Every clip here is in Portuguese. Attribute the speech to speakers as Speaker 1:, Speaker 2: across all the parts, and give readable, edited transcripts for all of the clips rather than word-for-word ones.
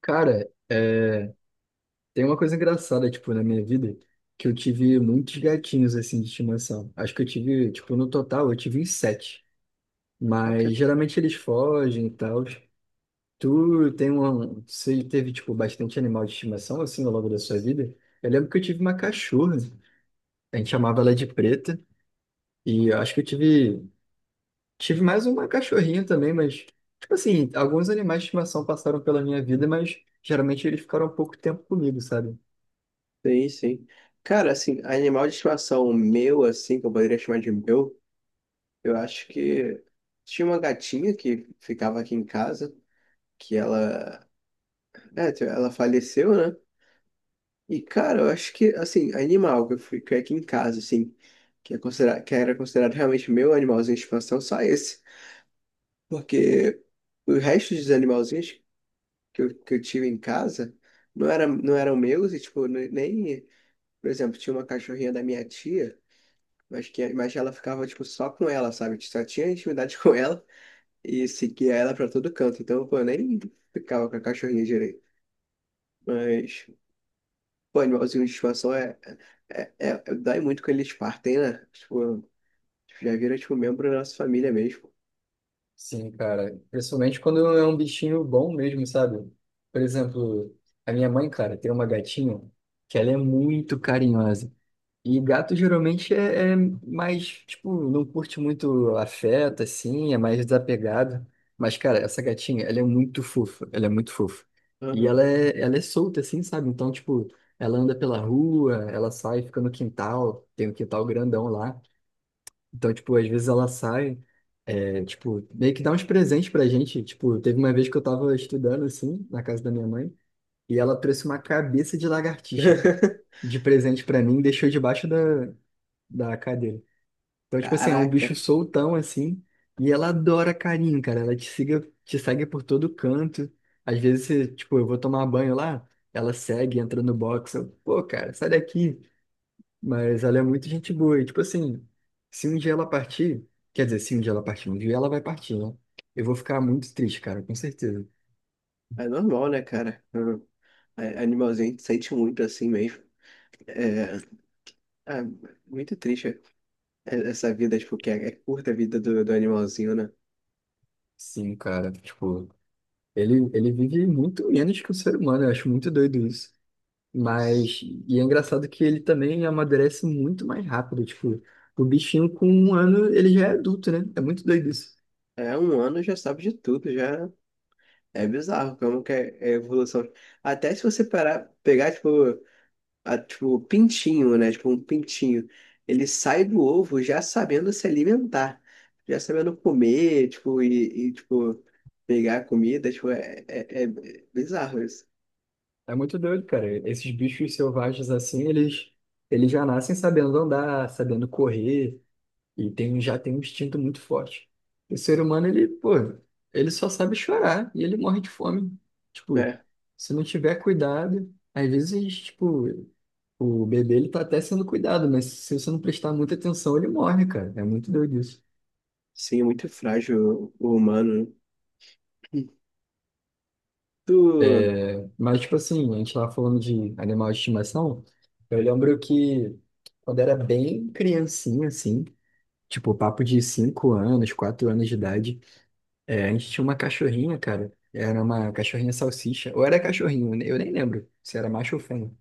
Speaker 1: Cara, tem uma coisa engraçada, tipo, na minha vida, que eu tive muitos gatinhos, assim, de estimação. Acho que eu tive, tipo, no total, eu tive uns sete.
Speaker 2: Caraca.
Speaker 1: Mas, geralmente, eles fogem e tal. Você teve, tipo, bastante animal de estimação, assim, ao longo da sua vida? Eu lembro que eu tive uma cachorra. A gente chamava ela de Preta. E eu acho que eu tive... Tive mais uma cachorrinha também, mas... Tipo assim, alguns animais de estimação passaram pela minha vida, mas... Geralmente, eles ficaram pouco tempo comigo, sabe?
Speaker 2: Sim, sim. Cara, assim, animal de estimação meu, assim, que eu poderia chamar de meu, eu acho que tinha uma gatinha que ficava aqui em casa, que ela, ela faleceu, né? E, cara, eu acho que, assim, animal que eu fui que é aqui em casa, assim, que, que era considerado realmente meu animalzinho de estimação, só esse. Porque o resto dos animalzinhos que eu tive em casa não eram meus e, tipo, nem, por exemplo, tinha uma cachorrinha da minha tia. Mas, mas ela ficava, tipo, só com ela, sabe? Só tinha intimidade com ela e seguia ela pra todo canto. Então, pô, eu nem ficava com a cachorrinha direito. Mas, pô, animalzinho de estimação Dói muito quando eles partem, né? Tipo, já vira, tipo, membro da nossa família mesmo.
Speaker 1: Sim, cara. Principalmente quando é um bichinho bom mesmo, sabe? Por exemplo, a minha mãe, cara, tem uma gatinha que ela é muito carinhosa. E gato geralmente é mais, tipo, não curte muito afeto, assim, é mais desapegado. Mas, cara, essa gatinha, ela é muito fofa, ela é muito fofa. E ela
Speaker 2: Aham.
Speaker 1: é, ela é solta, assim, sabe? Então, tipo, ela anda pela rua, ela sai, fica no quintal, tem um quintal grandão lá. Então, tipo, às vezes ela sai, é, tipo, meio que dá uns presentes pra gente. Tipo, teve uma vez que eu tava estudando, assim, na casa da minha mãe, e ela trouxe uma cabeça de lagartixa, cara, de presente pra mim, e deixou debaixo da cadeira. Então, tipo assim, é um bicho
Speaker 2: Caraca.
Speaker 1: soltão, assim, e ela adora carinho, cara. Ela te segue por todo canto. Às vezes, você- tipo, eu vou tomar banho lá, ela segue, entra no box, eu, pô, cara, sai daqui. Mas ela é muito gente boa. E, tipo assim, se um dia ela partir, quer dizer, se um dia ela partir, um dia ela vai partir, né? Eu vou ficar muito triste, cara, com certeza.
Speaker 2: É normal, né, cara? Aham. Animalzinho a gente sente muito assim mesmo. É, é muito triste, essa vida, tipo, é curta a vida do animalzinho, né?
Speaker 1: Sim, cara, tipo, ele vive muito menos que o ser humano, eu acho muito doido isso. Mas, e é engraçado que ele também amadurece muito mais rápido, tipo, o bichinho com 1 ano, ele já é adulto, né? É muito doido isso.
Speaker 2: É, 1 ano já sabe de tudo, já é bizarro como que é a evolução. Até se você parar, pegar, tipo, pintinho, né? Tipo, um pintinho. Ele sai do ovo já sabendo se alimentar, já sabendo comer, tipo, pegar a comida, tipo, bizarro isso,
Speaker 1: É muito doido, cara. Esses bichos selvagens assim, eles já nascem sabendo andar, sabendo correr. Já tem um instinto muito forte. O ser humano, ele, pô, ele só sabe chorar e ele morre de fome. Tipo,
Speaker 2: né?
Speaker 1: se não tiver cuidado, às vezes, tipo, o bebê, ele tá até sendo cuidado, mas se você não prestar muita atenção, ele morre, cara. É muito doido isso.
Speaker 2: Sim, é muito frágil o humano. Tu...
Speaker 1: É, mas, tipo assim, a gente tava falando de animal de estimação. Eu lembro que quando era bem criancinha, assim, tipo, papo de 5 anos, 4 anos de idade, é, a gente tinha uma cachorrinha, cara. Era uma cachorrinha salsicha. Ou era cachorrinho, né? Eu nem lembro se era macho ou fêmea.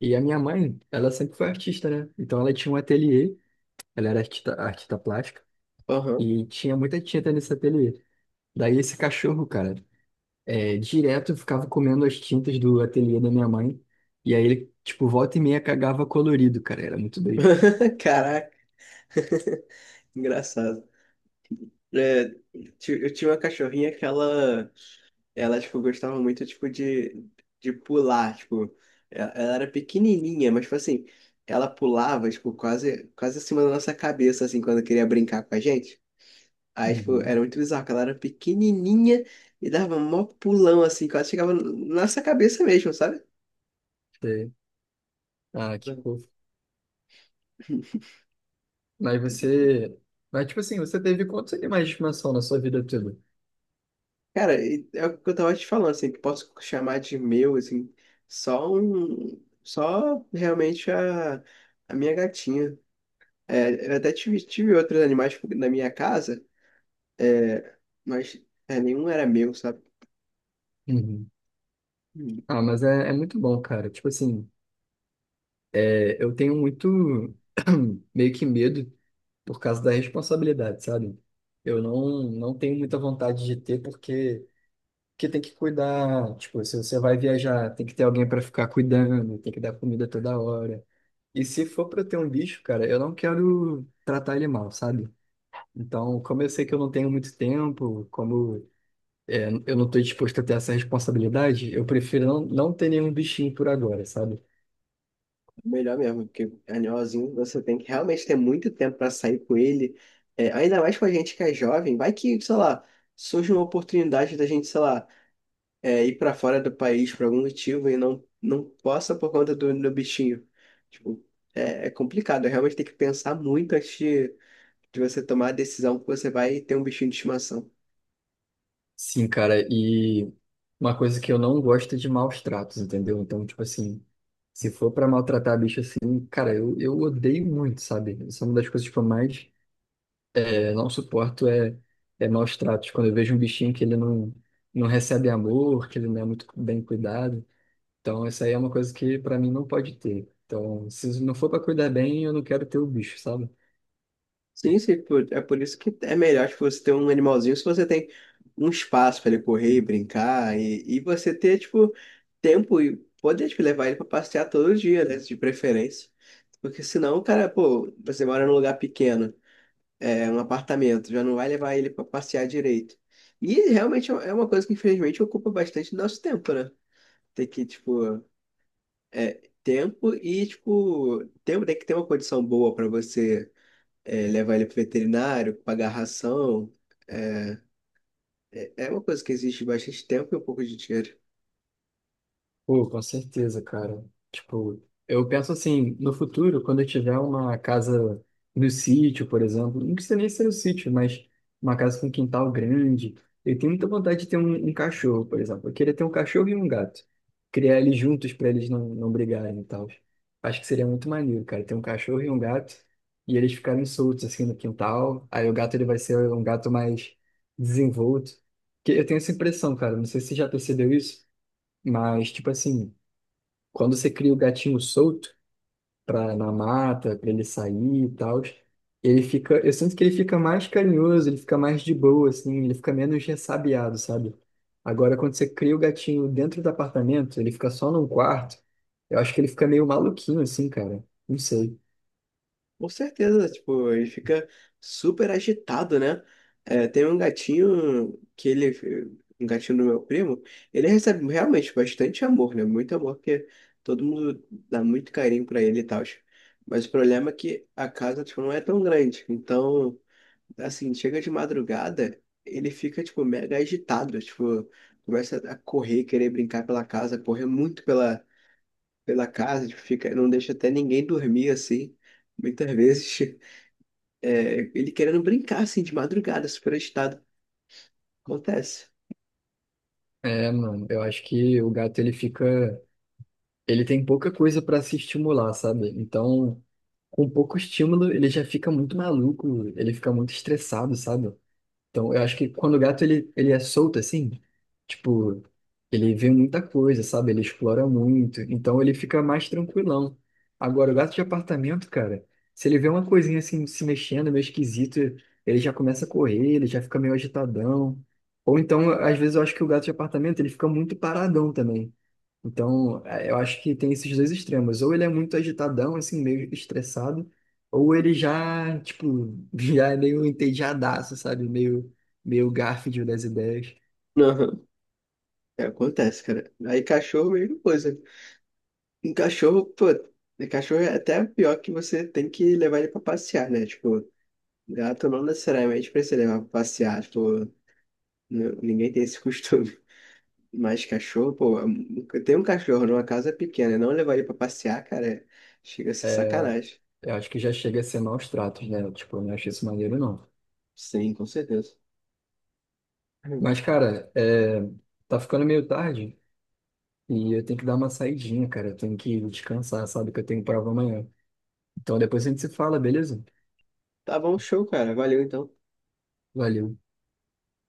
Speaker 1: E a minha mãe, ela sempre foi artista, né? Então ela tinha um ateliê, ela era artista, artista plástica,
Speaker 2: Aham.
Speaker 1: e tinha muita tinta nesse ateliê. Daí esse cachorro, cara, direto ficava comendo as tintas do ateliê da minha mãe. E aí ele, tipo, volta e meia cagava colorido, cara. Era muito doido.
Speaker 2: Caraca. Engraçado. É, eu tinha uma cachorrinha que ela tipo, gostava muito, tipo, de pular, tipo, ela era pequenininha, mas, tipo assim, ela pulava, tipo, quase acima da nossa cabeça, assim, quando queria brincar com a gente. Aí, tipo,
Speaker 1: Uhum.
Speaker 2: era muito bizarro, que ela era pequenininha e dava um mó pulão, assim, quase chegava na nossa cabeça mesmo, sabe?
Speaker 1: Sei. Ah, que fofo. Mas você. Mas, tipo assim, você teve quantos animais de estimação na sua vida toda?
Speaker 2: Cara, e é o que eu tava te falando, assim, que posso chamar de meu, assim, só um, só realmente a minha gatinha. Tive outros animais tipo, na minha casa, é, mas é, nenhum era meu, sabe?
Speaker 1: Uhum.
Speaker 2: Hum.
Speaker 1: Ah, mas é, é muito bom, cara. Tipo assim, é, eu tenho muito meio que medo por causa da responsabilidade, sabe? Eu não tenho muita vontade de ter porque tem que cuidar. Tipo, se você vai viajar, tem que ter alguém para ficar cuidando, tem que dar comida toda hora. E se for para ter um bicho, cara, eu não quero tratar ele mal, sabe? Então, como eu sei que eu não tenho muito tempo, como é, eu não estou disposto a ter essa responsabilidade, eu prefiro não ter nenhum bichinho por agora, sabe?
Speaker 2: Melhor mesmo, porque animalzinho você tem que realmente ter muito tempo para sair com ele. É, ainda mais com a gente que é jovem, vai que, sei lá, surge uma oportunidade da gente, sei lá, é, ir para fora do país por algum motivo e não possa por conta do bichinho. Tipo, é complicado, é realmente tem que pensar muito antes de você tomar a decisão que você vai ter um bichinho de estimação.
Speaker 1: Sim, cara, e uma coisa que eu não gosto é de maus tratos, entendeu? Então, tipo assim, se for pra maltratar bicho assim, cara, eu odeio muito, sabe? Isso é uma das coisas que eu mais não suporto é maus tratos. Quando eu vejo um bichinho que ele não recebe amor, que ele não é muito bem cuidado. Então, isso aí é uma coisa que pra mim não pode ter. Então, se não for pra cuidar bem, eu não quero ter o bicho, sabe?
Speaker 2: Sim, sim, por- é por isso que é melhor tipo, você ter um animalzinho se você tem um espaço para ele correr e brincar e você ter, tipo, tempo e poder, tipo, levar ele para passear todo dia, né, de preferência. Porque senão, o cara, pô, você mora num lugar pequeno, é um apartamento, já não vai levar ele para passear direito. E realmente é uma coisa que, infelizmente, ocupa bastante do nosso tempo, né? Tem que, tipo, é, tempo tem que ter uma condição boa para você é, levar ele pro veterinário, pagar ração. É, é uma coisa que existe bastante tempo e um pouco de dinheiro.
Speaker 1: Pô, com certeza, cara. Tipo, eu penso assim, no futuro, quando eu tiver uma casa no sítio, por exemplo, não precisa nem ser no sítio, mas uma casa com quintal grande, eu tenho muita vontade de ter um cachorro, por exemplo. Eu queria ter um cachorro e um gato. Criar eles juntos para eles não brigarem e tal. Acho que seria muito maneiro, cara, ter um cachorro e um gato e eles ficarem soltos assim no quintal. Aí o gato ele vai ser um gato mais desenvolto. Que eu tenho essa impressão, cara, não sei se você já percebeu isso. Mas, tipo assim, quando você cria o gatinho solto pra, na mata, para ele sair e tal, ele fica, eu sinto que ele fica mais carinhoso, ele fica mais de boa, assim, ele fica menos ressabiado, sabe? Agora, quando você cria o gatinho dentro do apartamento, ele fica só num quarto, eu acho que ele fica meio maluquinho, assim, cara. Não sei.
Speaker 2: Com certeza, tipo, ele fica super agitado, né? É, tem um gatinho um gatinho do meu primo, ele recebe realmente bastante amor, né? Muito amor, porque todo mundo dá muito carinho pra ele e tal. Mas o problema é que a casa, tipo, não é tão grande, então assim, chega de madrugada, ele fica, tipo, mega agitado, tipo, começa a correr, querer brincar pela casa, correr muito pela casa, tipo, fica, não deixa até ninguém dormir, assim, muitas vezes, é, ele querendo brincar, assim, de madrugada, super agitado, acontece.
Speaker 1: É, mano, eu acho que o gato ele fica. Ele tem pouca coisa pra se estimular, sabe? Então, com pouco estímulo, ele já fica muito maluco, ele fica muito estressado, sabe? Então, eu acho que quando o gato ele é solto assim, tipo, ele vê muita coisa, sabe? Ele explora muito, então ele fica mais tranquilão. Agora, o gato de apartamento, cara, se ele vê uma coisinha assim se mexendo, meio esquisito, ele já começa a correr, ele já fica meio agitadão. Ou então, às vezes eu acho que o gato de apartamento ele fica muito paradão também. Então, eu acho que tem esses dois extremos. Ou ele é muito agitadão, assim, meio estressado. Ou ele já, tipo, já é meio entediadaço, sabe? Meio Garfield das ideias.
Speaker 2: Aham. É, acontece, cara. Aí cachorro, mesma coisa. Em cachorro, pô, em cachorro é até pior que você tem que levar ele pra passear, né? Tipo, gato não necessariamente precisa levar pra passear, tipo, ninguém tem esse costume. Mas cachorro, pô, tem um cachorro numa casa pequena, e não levar ele pra passear, cara, é- chega a ser
Speaker 1: É,
Speaker 2: sacanagem.
Speaker 1: eu acho que já chega a ser maus tratos, né? Tipo, eu não acho isso maneiro, não.
Speaker 2: Sim, com certeza.
Speaker 1: Mas, cara, tá ficando meio tarde e eu tenho que dar uma saidinha, cara. Eu tenho que descansar, sabe? Que eu tenho prova amanhã. Então depois a gente se fala, beleza?
Speaker 2: Tá bom, show, cara. Valeu então.
Speaker 1: Valeu.